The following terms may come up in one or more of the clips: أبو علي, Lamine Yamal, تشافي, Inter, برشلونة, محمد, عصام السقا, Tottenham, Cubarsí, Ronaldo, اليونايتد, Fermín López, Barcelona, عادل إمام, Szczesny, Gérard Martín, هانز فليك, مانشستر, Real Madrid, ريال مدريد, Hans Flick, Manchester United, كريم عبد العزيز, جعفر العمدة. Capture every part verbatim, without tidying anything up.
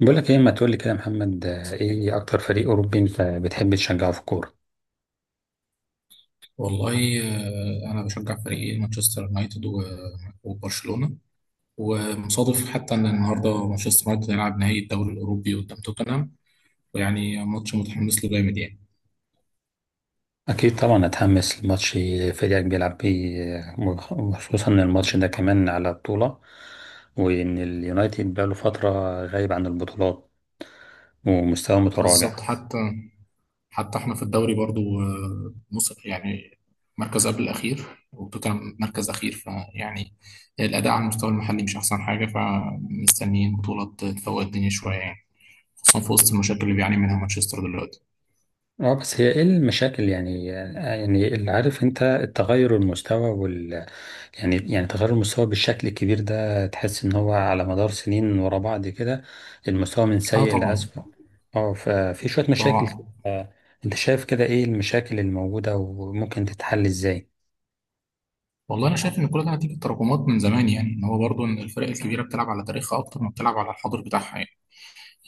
بقولك ايه؟ ما تقولي كده يا محمد. آه، ايه اكتر فريق اوروبي انت بتحب تشجعه في الكوره؟ والله آه، أنا بشجع فريقين مانشستر يونايتد و- وبرشلونة. ومصادف حتى إن النهاردة مانشستر يونايتد هيلعب نهائي الدوري الأوروبي قدام توتنهام، ويعني ماتش متحمس له جامد يعني. اكيد طبعا اتحمس لماتش فريقك بيلعب بيه، آه، وخصوصا ان الماتش ده كمان على بطوله، وان اليونايتد بقاله فتره غايب عن البطولات ومستواه متراجع. بالظبط. حتى حتى إحنا في الدوري برضو، آه، نص يعني مركز قبل الأخير، وتوتنهام مركز أخير فيعني الأداء على المستوى المحلي مش أحسن حاجة، فمستنيين بطولة تفوق الدنيا شوية يعني، خصوصا في وسط المشاكل اللي بيعاني منها مانشستر دلوقتي. اه، بس هي ايه المشاكل؟ يعني آه، يعني اللي عارف انت التغير المستوى، يعني يعني تغير المستوى بالشكل الكبير ده، تحس ان هو على مدار سنين ورا بعض كده المستوى من اه، سيء طبعا لأسوأ. اه، ففي شوية مشاكل كده. طبعا. آه، انت شايف كده ايه المشاكل الموجودة وممكن تتحل ازاي؟ والله انا شايف ان كل ده نتيجه تراكمات من زمان، يعني ان هو برضه ان الفرق الكبيره بتلعب على تاريخها اكتر ما بتلعب على الحاضر بتاعها يعني.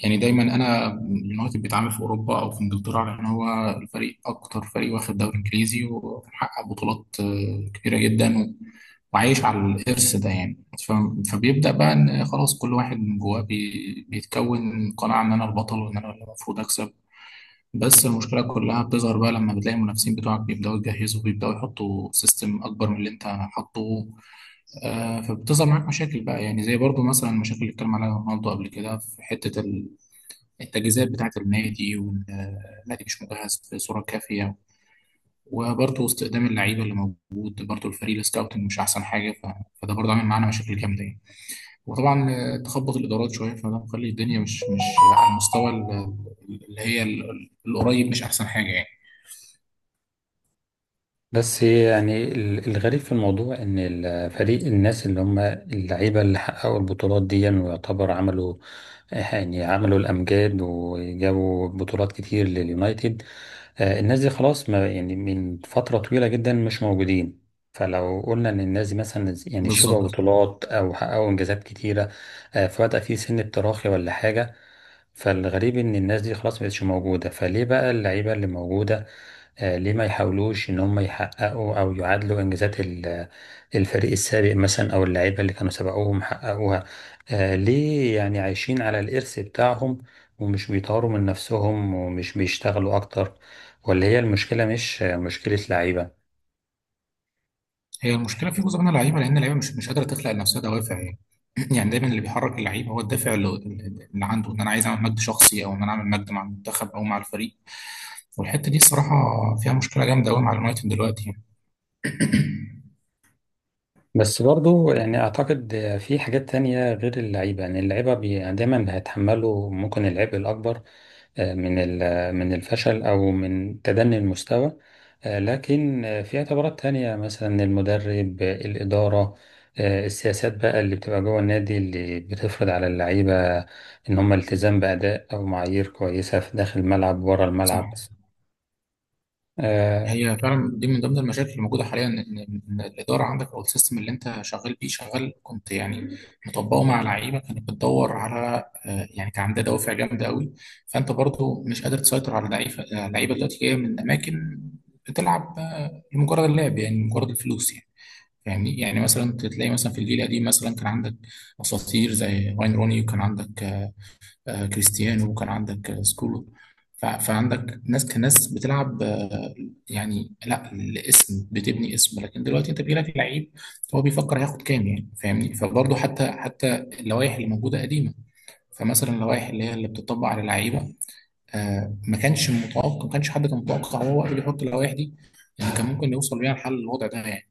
يعني دايما انا اليونايتد بيتعامل في اوروبا او في انجلترا، لان هو الفريق اكتر فريق واخد دوري انجليزي ومحقق بطولات آه، كبيره جدا و- وعايش على الارث ده يعني. ف- فبيبدا بقى ان خلاص كل واحد من جواه بي- بيتكون قناعه ان انا البطل وان انا اللي المفروض اكسب. بس المشكلة كلها بتظهر بقى لما بتلاقي المنافسين بتوعك بيبدأوا يجهزوا، بيبدأوا يحطوا سيستم أكبر من اللي أنت حاطه. آه، فبتظهر معاك مشاكل بقى، يعني زي برضو مثلا المشاكل اللي اتكلم عليها رونالدو قبل كده في حتة ال- التجهيزات بتاعة النادي، وإن آه، النادي مش مجهز بصورة كافية. وبرضو استخدام اللعيبة اللي موجود، برضو الفريق السكاوتنج مش أحسن حاجة ف... فده برضو عامل معانا مشاكل جامدة يعني. وطبعا آه، تخبط الإدارات شوية، فده مخلي الدنيا مش مش على المستوى ال- اللي هي ال- القريب مش أحسن حاجة يعني. بس يعني ال- الغريب في الموضوع ان الفريق، الناس اللي هم اللعيبه اللي حققوا البطولات دي ويعتبر عملوا، يعني عملوا الامجاد وجابوا بطولات كتير لليونايتد، آه، الناس دي خلاص ما يعني من فتره طويله جدا مش موجودين. فلو قلنا ان الناس دي مثلا يعني شبعوا بالظبط. بطولات او حققوا انجازات كتيره، آه، فبدا في سن التراخي ولا حاجه، فالغريب ان الناس دي خلاص مبقتش موجوده، فليه بقى اللعيبه اللي موجوده آه، ليه ما يحاولوش ان هم يحققوا او يعادلوا انجازات ال- الفريق السابق مثلا او اللعيبه اللي كانوا سبقوهم حققوها؟ آه، ليه يعني عايشين على الارث بتاعهم ومش بيطوروا من نفسهم ومش بيشتغلوا اكتر؟ ولا هي المشكله مش آه، مشكله لعيبه؟ هي المشكله في جزء من اللعيبه، لان اللعيبه مش مش قادره تخلق لنفسها دوافع يعني. يعني دايما اللي بيحرك اللعيب هو الدافع اللي, اللي عنده ان انا عايز اعمل مجد شخصي، او ان انا اعمل مجد مع المنتخب او مع الفريق، والحته دي الصراحه فيها مشكله جامده قوي مع اليونايتد دلوقتي يعني. بس برضو يعني اعتقد آه، في حاجات تانية غير اللعيبه، يعني اللعيبه بي- دايما هيتحملوا ممكن العبء الاكبر من ال- من الفشل أو من تدني المستوى، آه، لكن آه، في اعتبارات تانية مثلا المدرب، آه، الإدارة، آه، السياسات بقى اللي بتبقى جوه النادي اللي بتفرض على اللعيبة إن هم التزام بأداء أو معايير كويسة في داخل الملعب وبره صح. الملعب. آه، هي فعلا دي من ضمن المشاكل اللي موجوده حاليا، ان إن إن الاداره عندك او السيستم اللي انت شغال بيه شغال، كنت يعني مطبقه مع لعيبه كانت بتدور على، آه، يعني كان عندها دوافع جامده قوي. فانت برضو مش قادر تسيطر على لعيبه لعيبه دلوقتي جايه من اماكن بتلعب آه، لمجرد اللعب، يعني مجرد الفلوس يعني. فاهمني. يعني مثلا تلاقي مثلا في الجيل القديم مثلا كان عندك اساطير زي واين روني، وكان عندك آه، آه، كريستيانو، وكان عندك آه، سكولو. ف- فعندك ناس كناس بتلعب، آه، يعني لا الاسم بتبني اسم. لكن دلوقتي انت بيجيلك لعيب هو بيفكر هياخد كام يعني، فاهمني. فبرضه حتى حتى اللوائح اللي موجوده قديمه، فمثلا اللوائح اللي هي اللي بتطبق على اللعيبه، آه، ما كانش متوقع ما كانش حد كان متوقع هو وقت بيحط اللوائح دي ان كان ممكن يوصل بيها لحل الوضع ده يعني.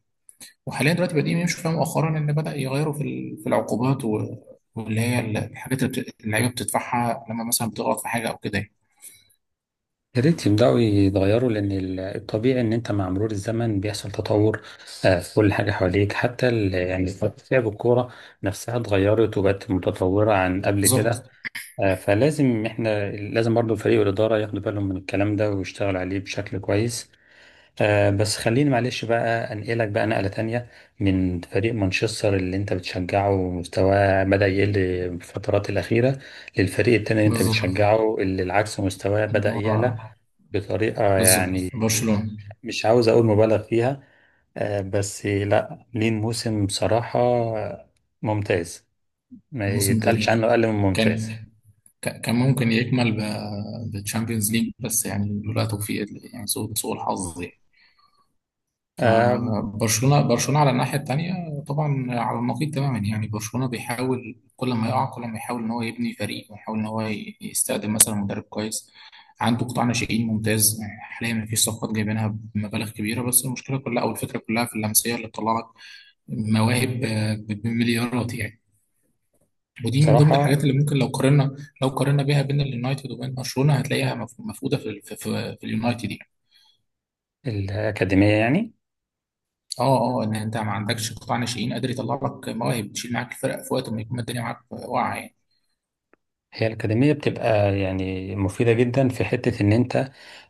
وحاليا دلوقتي بادئين يمشوا فيها مؤخرا، ان بدا يغيروا في ال- في العقوبات و- واللي هي ال- الحاجات اللي بت- اللعيبه بتدفعها لما مثلا بتغلط في حاجه او كده يعني. يا ريت يبدأوا يتغيروا، لأن ال- الطبيعي إن أنت مع مرور الزمن بيحصل تطور آه، في كل حاجة حواليك، حتى ال- يعني طريقة لعب الكورة نفسها اتغيرت وبقت متطورة عن قبل كده. بالظبط. آه، فلازم احنا، لازم برضو فريق الإدارة ياخدوا بالهم من الكلام ده ويشتغلوا عليه بشكل كويس. آه، بس خليني معلش بقى أنقلك بقى نقلة تانية، من فريق مانشستر اللي انت بتشجعه ومستواه بدأ يقل الفترات الأخيرة، للفريق التاني اللي انت بالظبط. بتشجعه اللي العكس مستواه بدأ يعلى هو بطريقة بالظبط يعني برشلونه. مش عاوز أقول مبالغ فيها، آه، بس لا، لين موسم بصراحة ممتاز، ما موسم يتقالش عنه تاريخي أقل من ممتاز. كان. ك- كان ممكن يكمل ب- بالتشامبيونز ليج، بس يعني لولا توفيق ال- يعني سوء سوء الحظ يعني. آه، فبرشلونة برشلونة على الناحية التانية طبعا على النقيض تماما يعني. برشلونة بيحاول كل ما يقع، كل ما يحاول ان هو يبني فريق ويحاول ان هو ي- يستخدم مثلا مدرب كويس، عنده قطاع ناشئين ممتاز. يعني حاليا مفيش صفقات جايبينها بمبالغ كبيرة، بس المشكلة كلها او الفكرة كلها في اللمسية اللي بتطلع لك مواهب، آه، ب- بمليارات يعني. ودي من ضمن بصراحة الحاجات اللي ممكن لو قارنا لو قارنا بيها بين اليونايتد وبين برشلونة، هتلاقيها مف- مفقودة في في, في, في اليونايتد. الأكاديمية يعني، اه اه، ان انت ما عندكش قطاع ناشئين قادر يطلع لك مواهب تشيل معاك الفرق في وقت ما يكون الدنيا معاك واقعه يعني. هي الأكاديمية بتبقى يعني مفيدة جدا في حتة إن أنت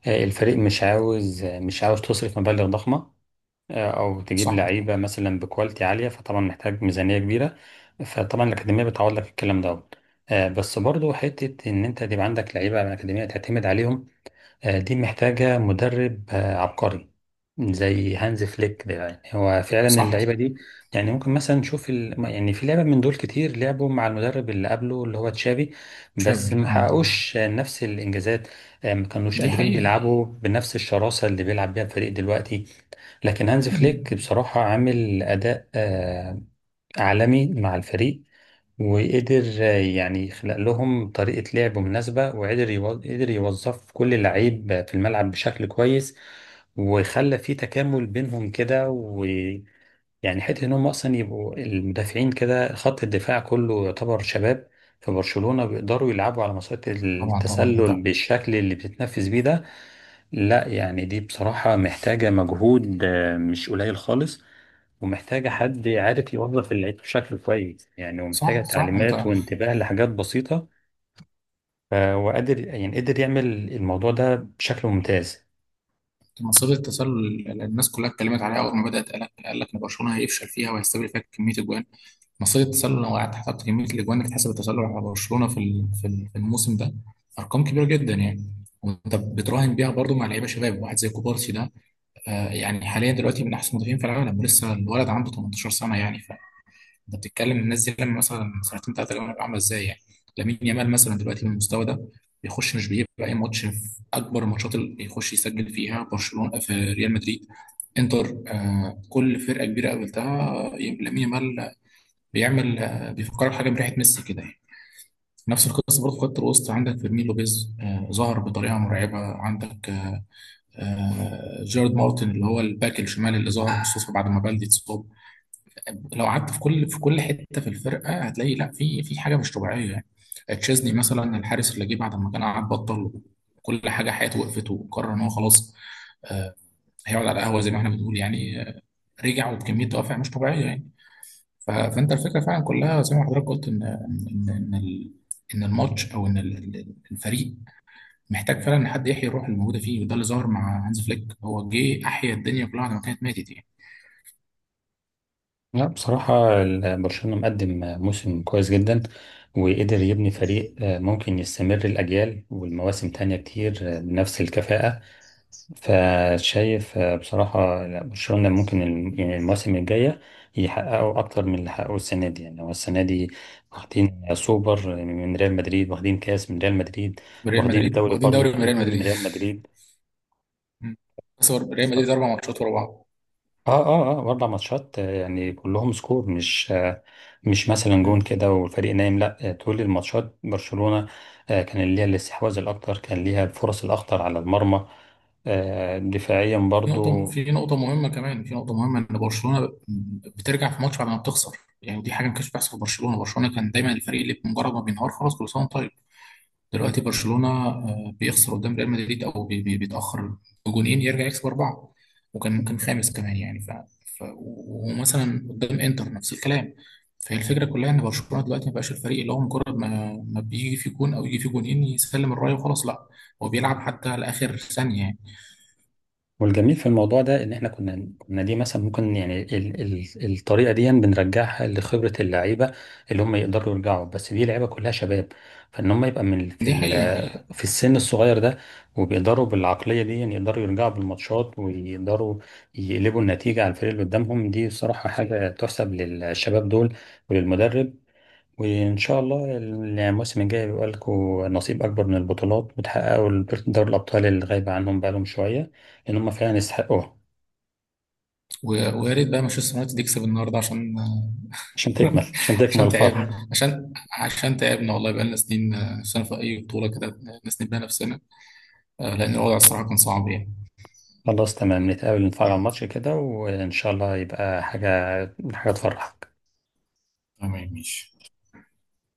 آه، الفريق مش عاوز، آه، مش عاوز تصرف مبالغ ضخمة آه، أو تجيب صح لعيبة مثلا بكواليتي عالية، فطبعا محتاج ميزانية كبيرة، فطبعا الأكاديمية بتعوض لك الكلام ده. آه، بس برضو حتة إن أنت تبقى عندك لعيبة على الأكاديمية تعتمد عليهم، آه، دي محتاجة مدرب آه، عبقري زي هانز فليك ده، يعني هو فعلا اللعيبة صح. دي، يعني ممكن مثلا نشوف ال... يعني في لعبة من دول كتير لعبوا مع المدرب اللي قبله اللي هو تشافي، شايف. بس ما اه. حققوش آه، نفس الإنجازات. آه، ما كانوش دي قادرين حقيقه. بيلعبوا بنفس الشراسة اللي بيلعب بيها الفريق دلوقتي. لكن هانز مم. فليك بصراحة عامل أداء آه، عالمي مع الفريق، وقدر آه، يعني يخلق لهم طريقة لعب مناسبة، وقدر يوظ- قدر يوظف كل لعيب في الملعب بشكل كويس، وخلى في تكامل بينهم كده، ويعني حتة ان هم اصلا يبقوا المدافعين كده، خط الدفاع كله يعتبر شباب في برشلونة، بيقدروا يلعبوا على مسارات طبعا طبعا. انت التسلل بالشكل اللي بتتنفذ بيه ده. لا يعني دي بصراحة محتاجة مجهود آه، مش قليل خالص، ومحتاجة حد عارف يوظف العيد بشكل كويس يعني، ومحتاجة صح صح. انت تعليمات وانتباه لحاجات بسيطة، آه، وقادر، يعني قدر يعمل الموضوع ده بشكل ممتاز. أنت مصيدة التسلل اللي الناس كلها اتكلمت عليها اول ما بدات، قال لك قال لك ان برشلونه هيفشل فيها وهيستقبل فيها كميه اجوان. مصيدة التسلل، لو قعدت حسبت كميه الاجوان اللي اتحسب التسلل على برشلونه في ال- في ال- في الموسم ده، ارقام كبيره جدا يعني. وانت بتراهن بيها برضو مع لعيبه شباب واحد زي كوبارسي ده. آه، يعني حاليا دلوقتي من احسن مدافعين في العالم، ولسه الولد عنده تمنتاشر سنه يعني. فانت بتتكلم الناس دي لما مثلا سنتين ثلاثه اللي عامله ازاي يعني. لامين يامال مثلا دلوقتي بالمستوى ده بيخش، مش بيبقى اي ماتش في اكبر الماتشات اللي بيخش يسجل فيها برشلونه، في ريال مدريد، انتر، آه كل فرقه كبيره قابلتها لامين يامال بيعمل، آه بيفكرك حاجه بريحه ميسي كده يعني. نفس القصه برضه في خط الوسط عندك فيرمين لوبيز، آه ظهر بطريقه مرعبه. عندك آه، آه، جارد مارتن اللي هو الباك الشمال اللي ظهر خصوصا بعد ما بلدي اتصاب. لو قعدت في كل في كل حته في الفرقه هتلاقي لا في في حاجه مش طبيعيه يعني. تشيزني مثلا الحارس اللي جه بعد ما كان قعد بطل كل حاجه حياته، وقفت وقرر ان هو خلاص آه، هيقعد على القهوه زي ما احنا بنقول يعني. آه، رجع وبكميه دوافع مش طبيعيه يعني. ف- فانت الفكره فعلا كلها زي ما حضرتك قلت ان ان ان إن ال- إن الماتش او ان ال- ال- الفريق محتاج فعلا حد يحيي الروح اللي موجوده فيه، وده اللي ظهر مع هانز فليك، هو جه احيا الدنيا كلها بعد ما كانت ماتت يعني. لا بصراحة ال- برشلونة مقدم آه، موسم كويس جدا، وقدر يبني فريق آه، ممكن يستمر الأجيال والمواسم تانية كتير آه، بنفس الكفاءة. فشايف آه، بصراحة لا، برشلونة ممكن الم- يعني المواسم الجاية يحققوا أكتر من اللي حققوه السنة دي. يعني هو السنة دي واخدين سوبر من ريال مدريد، واخدين كاس من ريال مدريد، بريال واخدين مدريد الدوري واخدين برضه دوري من خلينا ريال نقول من مدريد ريال مدريد. مم. بس هو ريال ف- مدريد اربع ماتشات ورا بعض. اه اه اه أربع ماتشات، آه، يعني كلهم سكور مش آه، مش مثلا جون مم. كده والفريق نايم، لا آه، طول الماتشات برشلونة آه كان ليها الاستحواذ الأكتر، كان ليها الفرص الأخطر على المرمى، آه، دفاعيا في نقطه برضو. في نقطه مهمه كمان في نقطه مهمه ان برشلونه بترجع في ماتش بعد ما بتخسر، يعني دي حاجه ما كانتش بتحصل في برشلونه برشلونه كان دايما الفريق اللي بمجرد ما بينهار خلاص كل سنه وانت طيب. دلوقتي برشلونة آه، بيخسر قدام ريال مدريد أو بي- بي- بيتأخر بجونين يرجع يكسب أربعة، وكان ممكن خامس كمان يعني ف... ف... ومثلا قدام إنتر نفس الكلام. فهي الفكرة كلها إن برشلونة دلوقتي ما بقاش الفريق اللي هو مجرد ما ما بيجي في جون أو يجي في جونين يسلم الراية وخلاص، لا هو بيلعب حتى لآخر ثانية يعني. والجميل في الموضوع ده ان احنا كنا كنا دي مثلا ممكن يعني ال ال الطريقه دي بنرجعها لخبره اللعيبه، اللي هم يقدروا يرجعوا، بس دي لعيبه كلها شباب، فان هم يبقى من في دي حقيقة. ال- في السن الصغير ده وبيقدروا بالعقليه دي، يعني يقدروا يرجعوا بالماتشات ويقدروا يقلبوا النتيجه على الفريق اللي قدامهم، دي بصراحه حاجه تحسب للشباب دول وللمدرب. وإن شاء الله الموسم الجاي بيبقى لكم نصيب أكبر من البطولات، وتحققوا الب- دوري الأبطال اللي غايبة عنهم بقالهم شوية، لأن هم فعلا يستحقوها. و... ويا ريت بقى مانشستر يونايتد يكسب النهاردة عشان عشان تكمل، عشان تكمل عشان الفرح. تعبنا عشان عشان تعبنا والله بقالنا سنين، آه، سنة في أي بطولة كده نسند بيها نفسنا. آه، لأن الوضع الصراحة كان صعب يعني. خلاص تمام، نتقابل نتفرج على الماتش كده، وإن شاء الله يبقى حاجة، حاجة تفرحك. تمام ماشي.